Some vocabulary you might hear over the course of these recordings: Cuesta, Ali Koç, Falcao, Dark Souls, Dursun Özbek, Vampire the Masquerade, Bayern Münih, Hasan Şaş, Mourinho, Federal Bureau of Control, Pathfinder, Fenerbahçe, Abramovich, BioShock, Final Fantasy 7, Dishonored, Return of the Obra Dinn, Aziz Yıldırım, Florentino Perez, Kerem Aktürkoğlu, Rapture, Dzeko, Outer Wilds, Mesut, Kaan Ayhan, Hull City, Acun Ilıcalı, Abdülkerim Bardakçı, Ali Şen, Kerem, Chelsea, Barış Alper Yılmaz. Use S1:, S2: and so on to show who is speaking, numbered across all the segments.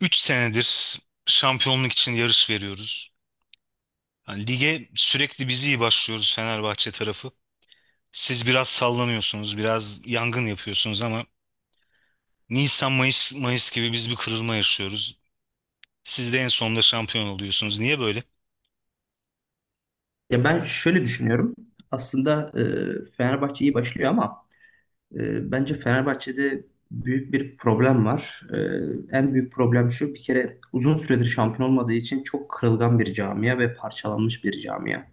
S1: 3 senedir şampiyonluk için yarış veriyoruz. Hani lige sürekli biz iyi başlıyoruz Fenerbahçe tarafı. Siz biraz sallanıyorsunuz, biraz yangın yapıyorsunuz ama Nisan, Mayıs, Mayıs gibi biz bir kırılma yaşıyoruz. Siz de en sonunda şampiyon oluyorsunuz. Niye böyle?
S2: Ya ben şöyle düşünüyorum. Aslında Fenerbahçe iyi başlıyor ama bence Fenerbahçe'de büyük bir problem var. En büyük problem şu bir kere uzun süredir şampiyon olmadığı için çok kırılgan bir camia ve parçalanmış bir camia.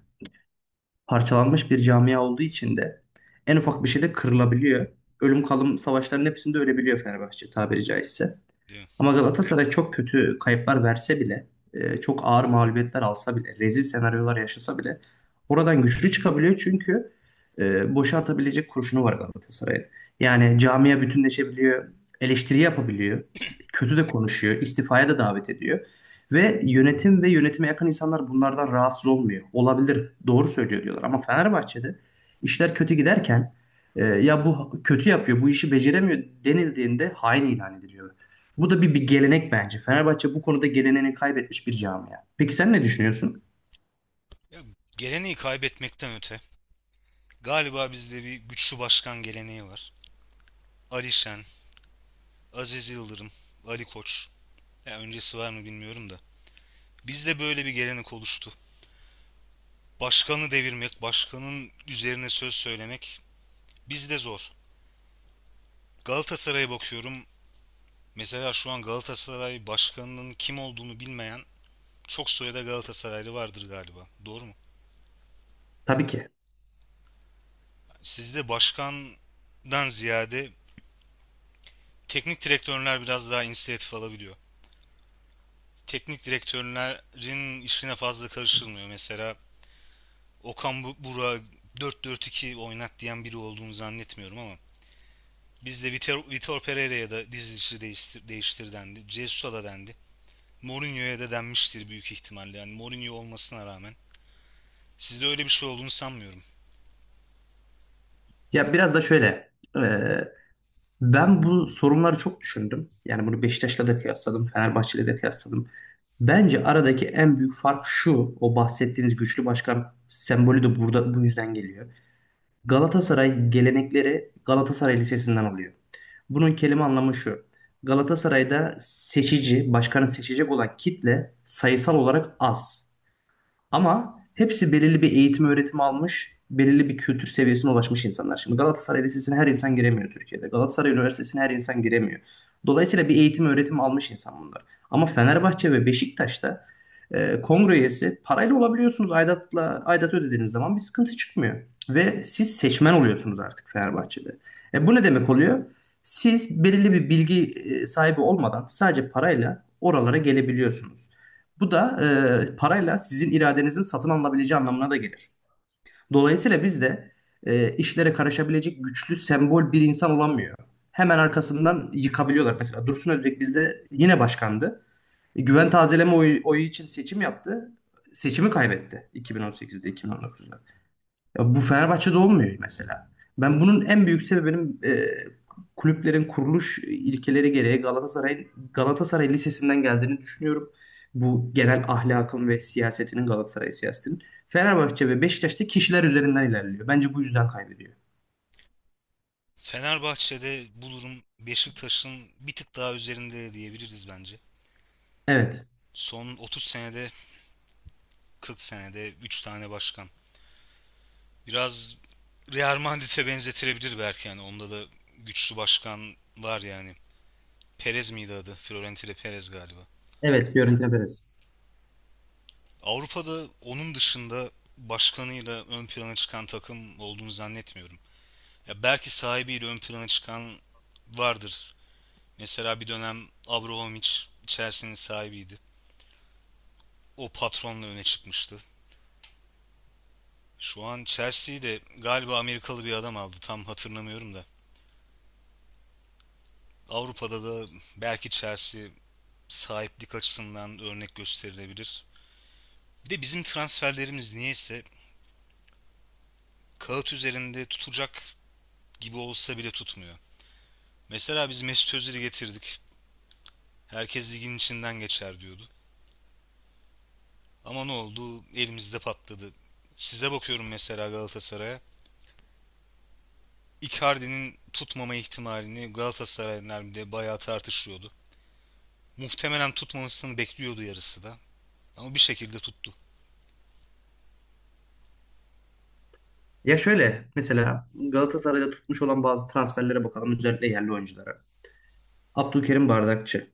S2: Parçalanmış bir camia olduğu için de en ufak bir şeyde kırılabiliyor. Ölüm kalım savaşların hepsinde ölebiliyor Fenerbahçe tabiri caizse.
S1: Değil mi?
S2: Ama Galatasaray çok kötü kayıplar verse bile, çok ağır mağlubiyetler alsa bile, rezil senaryolar yaşasa bile oradan güçlü çıkabiliyor çünkü boşa atabilecek kurşunu var Galatasaray'ın. Yani camia bütünleşebiliyor, eleştiri yapabiliyor, kötü de konuşuyor, istifaya da davet ediyor. Ve yönetim ve yönetime yakın insanlar bunlardan rahatsız olmuyor. Olabilir, doğru söylüyor diyorlar. Ama Fenerbahçe'de işler kötü giderken ya bu kötü yapıyor, bu işi beceremiyor denildiğinde hain ilan ediliyor. Bu da bir gelenek bence. Fenerbahçe bu konuda geleneğini kaybetmiş bir camia. Peki sen ne düşünüyorsun?
S1: Ya, geleneği kaybetmekten öte galiba bizde bir güçlü başkan geleneği var. Ali Şen, Aziz Yıldırım, Ali Koç. Ya öncesi var mı bilmiyorum da. Bizde böyle bir gelenek oluştu. Başkanı devirmek, başkanın üzerine söz söylemek bizde zor. Galatasaray'a bakıyorum. Mesela şu an Galatasaray başkanının kim olduğunu bilmeyen çok sayıda Galatasaraylı vardır galiba. Doğru mu?
S2: Tabii ki.
S1: Sizde başkandan ziyade teknik direktörler biraz daha inisiyatif alabiliyor. Teknik direktörlerin işine fazla karışılmıyor. Mesela Burak'ı 4-4-2 oynat diyen biri olduğunu zannetmiyorum. Ama bizde Vitor Pereira'ya da dizisi değiştir, değiştir dendi. Jesus'a da dendi. Mourinho'ya da denmiştir büyük ihtimalle. Yani Mourinho olmasına rağmen. Sizde öyle bir şey olduğunu sanmıyorum.
S2: Ya biraz da şöyle. e, Ben bu sorunları çok düşündüm. Yani bunu Beşiktaş'la da kıyasladım. Fenerbahçe'yle de kıyasladım. Bence aradaki en büyük fark şu. O bahsettiğiniz güçlü başkan sembolü de burada bu yüzden geliyor. Galatasaray gelenekleri Galatasaray Lisesi'nden alıyor. Bunun kelime anlamı şu. Galatasaray'da seçici, başkanı seçecek olan kitle sayısal olarak az. Ama hepsi belirli bir eğitim öğretim almış, belirli bir kültür seviyesine ulaşmış insanlar. Şimdi Galatasaray Lisesi'ne her insan giremiyor Türkiye'de. Galatasaray Üniversitesi'ne her insan giremiyor. Dolayısıyla bir eğitim öğretim almış insan bunlar. Ama Fenerbahçe ve Beşiktaş'ta kongre üyesi parayla olabiliyorsunuz. Aidat ödediğiniz zaman bir sıkıntı çıkmıyor. Ve siz seçmen oluyorsunuz artık Fenerbahçe'de. Bu ne demek oluyor? Siz belirli bir bilgi sahibi olmadan sadece parayla oralara gelebiliyorsunuz. Bu da parayla sizin iradenizin satın alınabileceği anlamına da gelir. Dolayısıyla biz de işlere karışabilecek güçlü sembol bir insan olamıyor. Hemen arkasından yıkabiliyorlar. Mesela Dursun Özbek bizde yine başkandı. Güven tazeleme oyu için seçim yaptı. Seçimi kaybetti 2018'de, 2019'da. Ya bu Fenerbahçe'de olmuyor mesela. Ben bunun en büyük sebebinin kulüplerin kuruluş ilkeleri gereği Galatasaray Lisesi'nden geldiğini düşünüyorum. Bu genel ahlakın ve siyasetinin Galatasaray siyasetinin Fenerbahçe ve Beşiktaş'ta kişiler üzerinden ilerliyor. Bence bu yüzden kaybediyor.
S1: Fenerbahçe'de bu durum Beşiktaş'ın bir tık daha üzerinde diyebiliriz bence.
S2: Evet.
S1: Son 30 senede 40 senede 3 tane başkan. Biraz Real Madrid'e benzetilebilir belki, yani onda da güçlü başkan var yani. Perez miydi adı? Florentino Perez galiba.
S2: Evet, Fiorentina Perez.
S1: Avrupa'da onun dışında başkanıyla ön plana çıkan takım olduğunu zannetmiyorum. Ya belki sahibiyle ön plana çıkan vardır. Mesela bir dönem Abramovich Chelsea'nin sahibiydi. O patronla öne çıkmıştı. Şu an Chelsea'yi de galiba Amerikalı bir adam aldı. Tam hatırlamıyorum da. Avrupa'da da belki Chelsea sahiplik açısından örnek gösterilebilir. Bir de bizim transferlerimiz niyeyse kağıt üzerinde tutacak gibi olsa bile tutmuyor. Mesela biz Mesut Özil'i getirdik. Herkes ligin içinden geçer diyordu. Ama ne oldu? Elimizde patladı. Size bakıyorum mesela Galatasaray'a. Icardi'nin tutmama ihtimalini Galatasaraylılar bile bayağı tartışıyordu. Muhtemelen tutmamasını bekliyordu yarısı da. Ama bir şekilde tuttu.
S2: Ya şöyle mesela Galatasaray'da tutmuş olan bazı transferlere bakalım özellikle yerli oyunculara. Abdülkerim Bardakçı,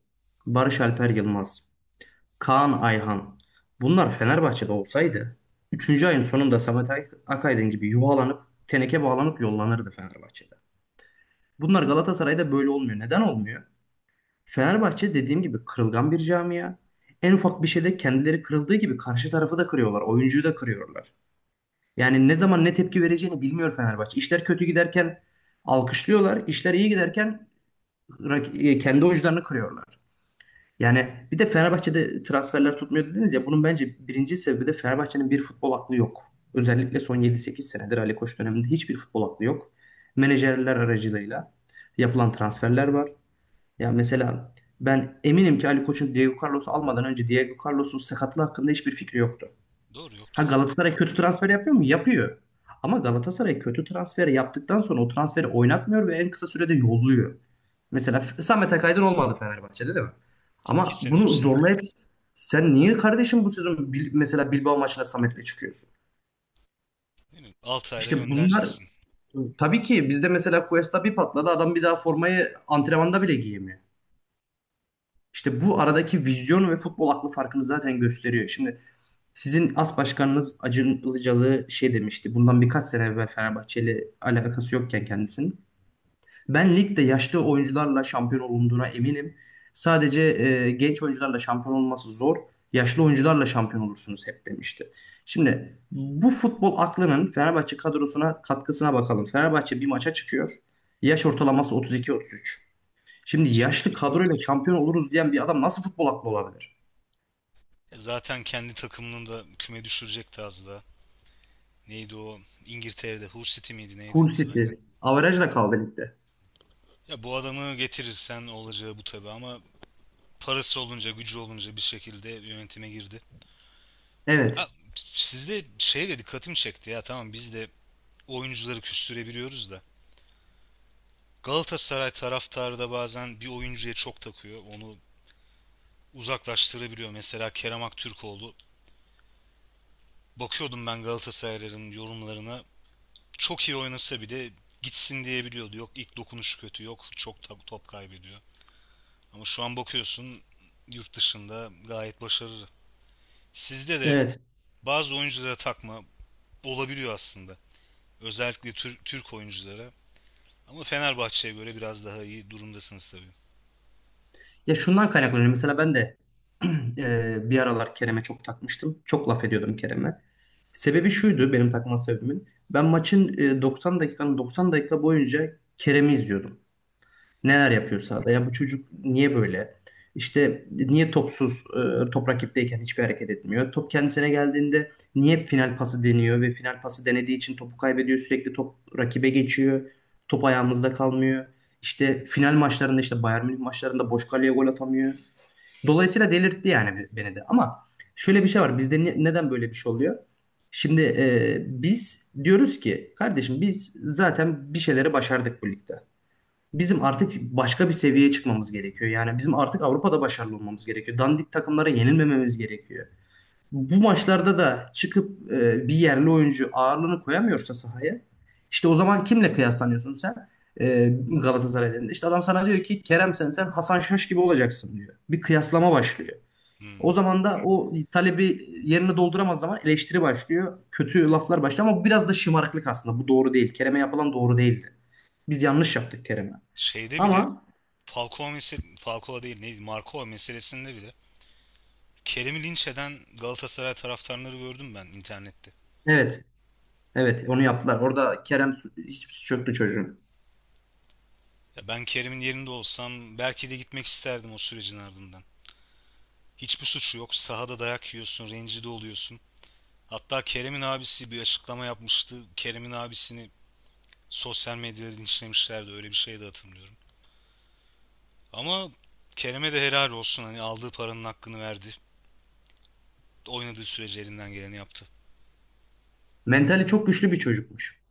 S2: Barış Alper Yılmaz, Kaan Ayhan. Bunlar Fenerbahçe'de olsaydı üçüncü ayın sonunda Samet Akaydın gibi yuvalanıp teneke bağlanıp yollanırdı Fenerbahçe'de. Bunlar Galatasaray'da böyle olmuyor. Neden olmuyor? Fenerbahçe dediğim gibi kırılgan bir camia. En ufak bir şeyde kendileri kırıldığı gibi karşı tarafı da kırıyorlar. Oyuncuyu da kırıyorlar. Yani ne zaman ne tepki vereceğini bilmiyor Fenerbahçe. İşler kötü giderken alkışlıyorlar. İşler iyi giderken kendi oyuncularını kırıyorlar. Yani bir de Fenerbahçe'de transferler tutmuyor dediniz ya bunun bence birinci sebebi de Fenerbahçe'nin bir futbol aklı yok. Özellikle son yedi sekiz senedir Ali Koç döneminde hiçbir futbol aklı yok. Menajerler aracılığıyla yapılan transferler var. Ya mesela ben eminim ki Ali Koç'un Diego Carlos'u almadan önce Diego Carlos'un sakatlığı hakkında hiçbir fikri yoktu.
S1: Doğru
S2: Ha
S1: yoktur.
S2: Galatasaray kötü transfer yapıyor mu? Yapıyor. Ama Galatasaray kötü transfer yaptıktan sonra o transferi oynatmıyor ve en kısa sürede yolluyor. Mesela Samet Akaydın olmadı Fenerbahçe'de değil mi?
S1: 2
S2: Ama
S1: sene üç
S2: bunu
S1: sene
S2: zorlayıp
S1: oynadı.
S2: sen niye kardeşim bu sezon mesela Bilbao maçına Samet'le çıkıyorsun?
S1: Değil mi? 6 ayda
S2: İşte bunlar
S1: göndereceksin.
S2: tabii ki bizde mesela Cuesta bir patladı adam bir daha formayı antrenmanda bile giyemiyor. İşte bu aradaki vizyon ve futbol aklı farkını zaten gösteriyor. Şimdi sizin as başkanınız Acun Ilıcalı şey demişti. Bundan birkaç sene evvel Fenerbahçe ile alakası yokken kendisinin. Ben ligde yaşlı oyuncularla şampiyon olunduğuna eminim. Sadece genç oyuncularla şampiyon olması zor. Yaşlı oyuncularla şampiyon olursunuz hep demişti. Şimdi bu futbol aklının Fenerbahçe kadrosuna katkısına bakalım. Fenerbahçe bir maça çıkıyor. Yaş ortalaması 32-33. Şimdi
S1: Değil Dzeko
S2: yaşlı
S1: bilmem
S2: kadroyla
S1: ne.
S2: şampiyon oluruz diyen bir adam nasıl futbol aklı olabilir?
S1: E zaten kendi takımının da küme düşürecekti az daha. Neydi o? İngiltere'de Hull City miydi neydi?
S2: Hull City.
S1: Aynen.
S2: Averajla kaldı ligde.
S1: Ya bu adamı getirirsen olacağı bu tabii, ama parası olunca, gücü olunca bir şekilde yönetime girdi. Ha,
S2: Evet.
S1: sizde şey de dikkatimi çekti. Ya tamam, biz de oyuncuları küstürebiliyoruz da. Galatasaray taraftarı da bazen bir oyuncuya çok takıyor. Onu uzaklaştırabiliyor. Mesela Kerem Aktürkoğlu. Bakıyordum ben Galatasarayların yorumlarına. Çok iyi oynasa bile gitsin diyebiliyordu. Yok ilk dokunuşu kötü. Yok çok top kaybediyor. Ama şu an bakıyorsun yurt dışında gayet başarılı. Sizde de
S2: Evet.
S1: bazı oyunculara takma olabiliyor aslında. Özellikle Türk oyunculara. Ama Fenerbahçe'ye göre biraz daha iyi durumdasınız tabii.
S2: Ya şundan kaynaklanıyor. Mesela ben de bir aralar Kerem'e çok takmıştım. Çok laf ediyordum Kerem'e. Sebebi şuydu benim takma sebebimin. Ben maçın 90 dakikanın 90 dakika boyunca Kerem'i izliyordum.
S1: Hı hı.
S2: Neler yapıyor sahada? Ya bu çocuk niye böyle? İşte niye topsuz, top rakipteyken hiçbir hareket etmiyor? Top kendisine geldiğinde niye hep final pası deniyor ve final pası denediği için topu kaybediyor? Sürekli top rakibe geçiyor. Top ayağımızda kalmıyor. İşte final maçlarında işte Bayern Münih maçlarında boş kaleye gol atamıyor. Dolayısıyla delirtti yani beni de. Ama şöyle bir şey var. Bizde neden böyle bir şey oluyor? Şimdi biz diyoruz ki kardeşim biz zaten bir şeyleri başardık bu ligde. Bizim artık başka bir seviyeye çıkmamız gerekiyor. Yani bizim artık Avrupa'da başarılı olmamız gerekiyor. Dandik takımlara yenilmememiz gerekiyor. Bu maçlarda da çıkıp bir yerli oyuncu ağırlığını koyamıyorsa sahaya, işte o zaman kimle kıyaslanıyorsun sen? E, Galatasaray elinde. İşte adam sana diyor ki Kerem sen Hasan Şaş gibi olacaksın diyor. Bir kıyaslama başlıyor. O
S1: Hmm.
S2: zaman da o talebi yerine dolduramaz zaman eleştiri başlıyor. Kötü laflar başlıyor ama bu biraz da şımarıklık aslında. Bu doğru değil. Kerem'e yapılan doğru değildi. Biz yanlış yaptık Kerem'e.
S1: Şeyde bile
S2: Ama
S1: Falcao mesele Falcao değil neydi? Marco meselesinde bile Kerem'i linç eden Galatasaray taraftarları gördüm ben internette.
S2: evet, evet onu yaptılar. Orada Kerem hiçbir suç yoktu çocuğun.
S1: Ya ben Kerem'in yerinde olsam belki de gitmek isterdim o sürecin ardından. Hiçbir suçu yok. Sahada dayak yiyorsun, rencide oluyorsun. Hatta Kerem'in abisi bir açıklama yapmıştı. Kerem'in abisini sosyal medyada linçlemişlerdi, öyle bir şey de hatırlıyorum. Ama Kerem'e de helal olsun, hani aldığı paranın hakkını verdi. Oynadığı sürece elinden geleni yaptı.
S2: Mentali çok güçlü bir çocukmuş.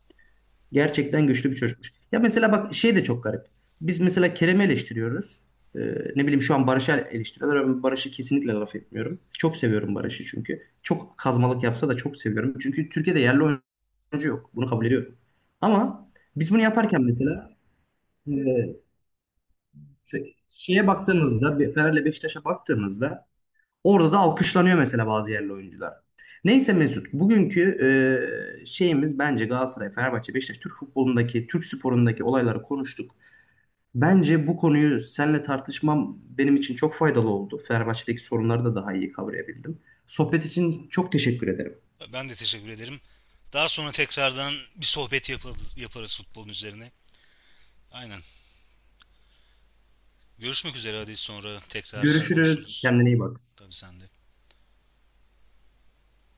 S2: Gerçekten güçlü bir çocukmuş. Ya mesela bak şey de çok garip. Biz mesela Kerem'i eleştiriyoruz. Ee, ne bileyim şu an Barış'ı eleştiriyorlar. Ben Barış'ı kesinlikle laf etmiyorum. Çok seviyorum Barış'ı çünkü. Çok kazmalık yapsa da çok seviyorum. Çünkü Türkiye'de yerli oyuncu yok. Bunu kabul ediyorum. Ama biz bunu yaparken mesela e, şeye baktığımızda, Fener'le Beşiktaş'a baktığımızda orada da alkışlanıyor mesela bazı yerli oyuncular. Neyse Mesut, bugünkü şeyimiz bence Galatasaray, Fenerbahçe, Beşiktaş, Türk futbolundaki, Türk sporundaki olayları konuştuk. Bence bu konuyu seninle tartışmam benim için çok faydalı oldu. Fenerbahçe'deki sorunları da daha iyi kavrayabildim. Sohbet için çok teşekkür ederim.
S1: Ben de teşekkür ederim. Daha sonra tekrardan bir sohbet yaparız futbolun üzerine. Aynen. Görüşmek üzere, hadi sonra tekrar
S2: Görüşürüz.
S1: konuşuruz.
S2: Kendine iyi bak.
S1: Tabii sen de.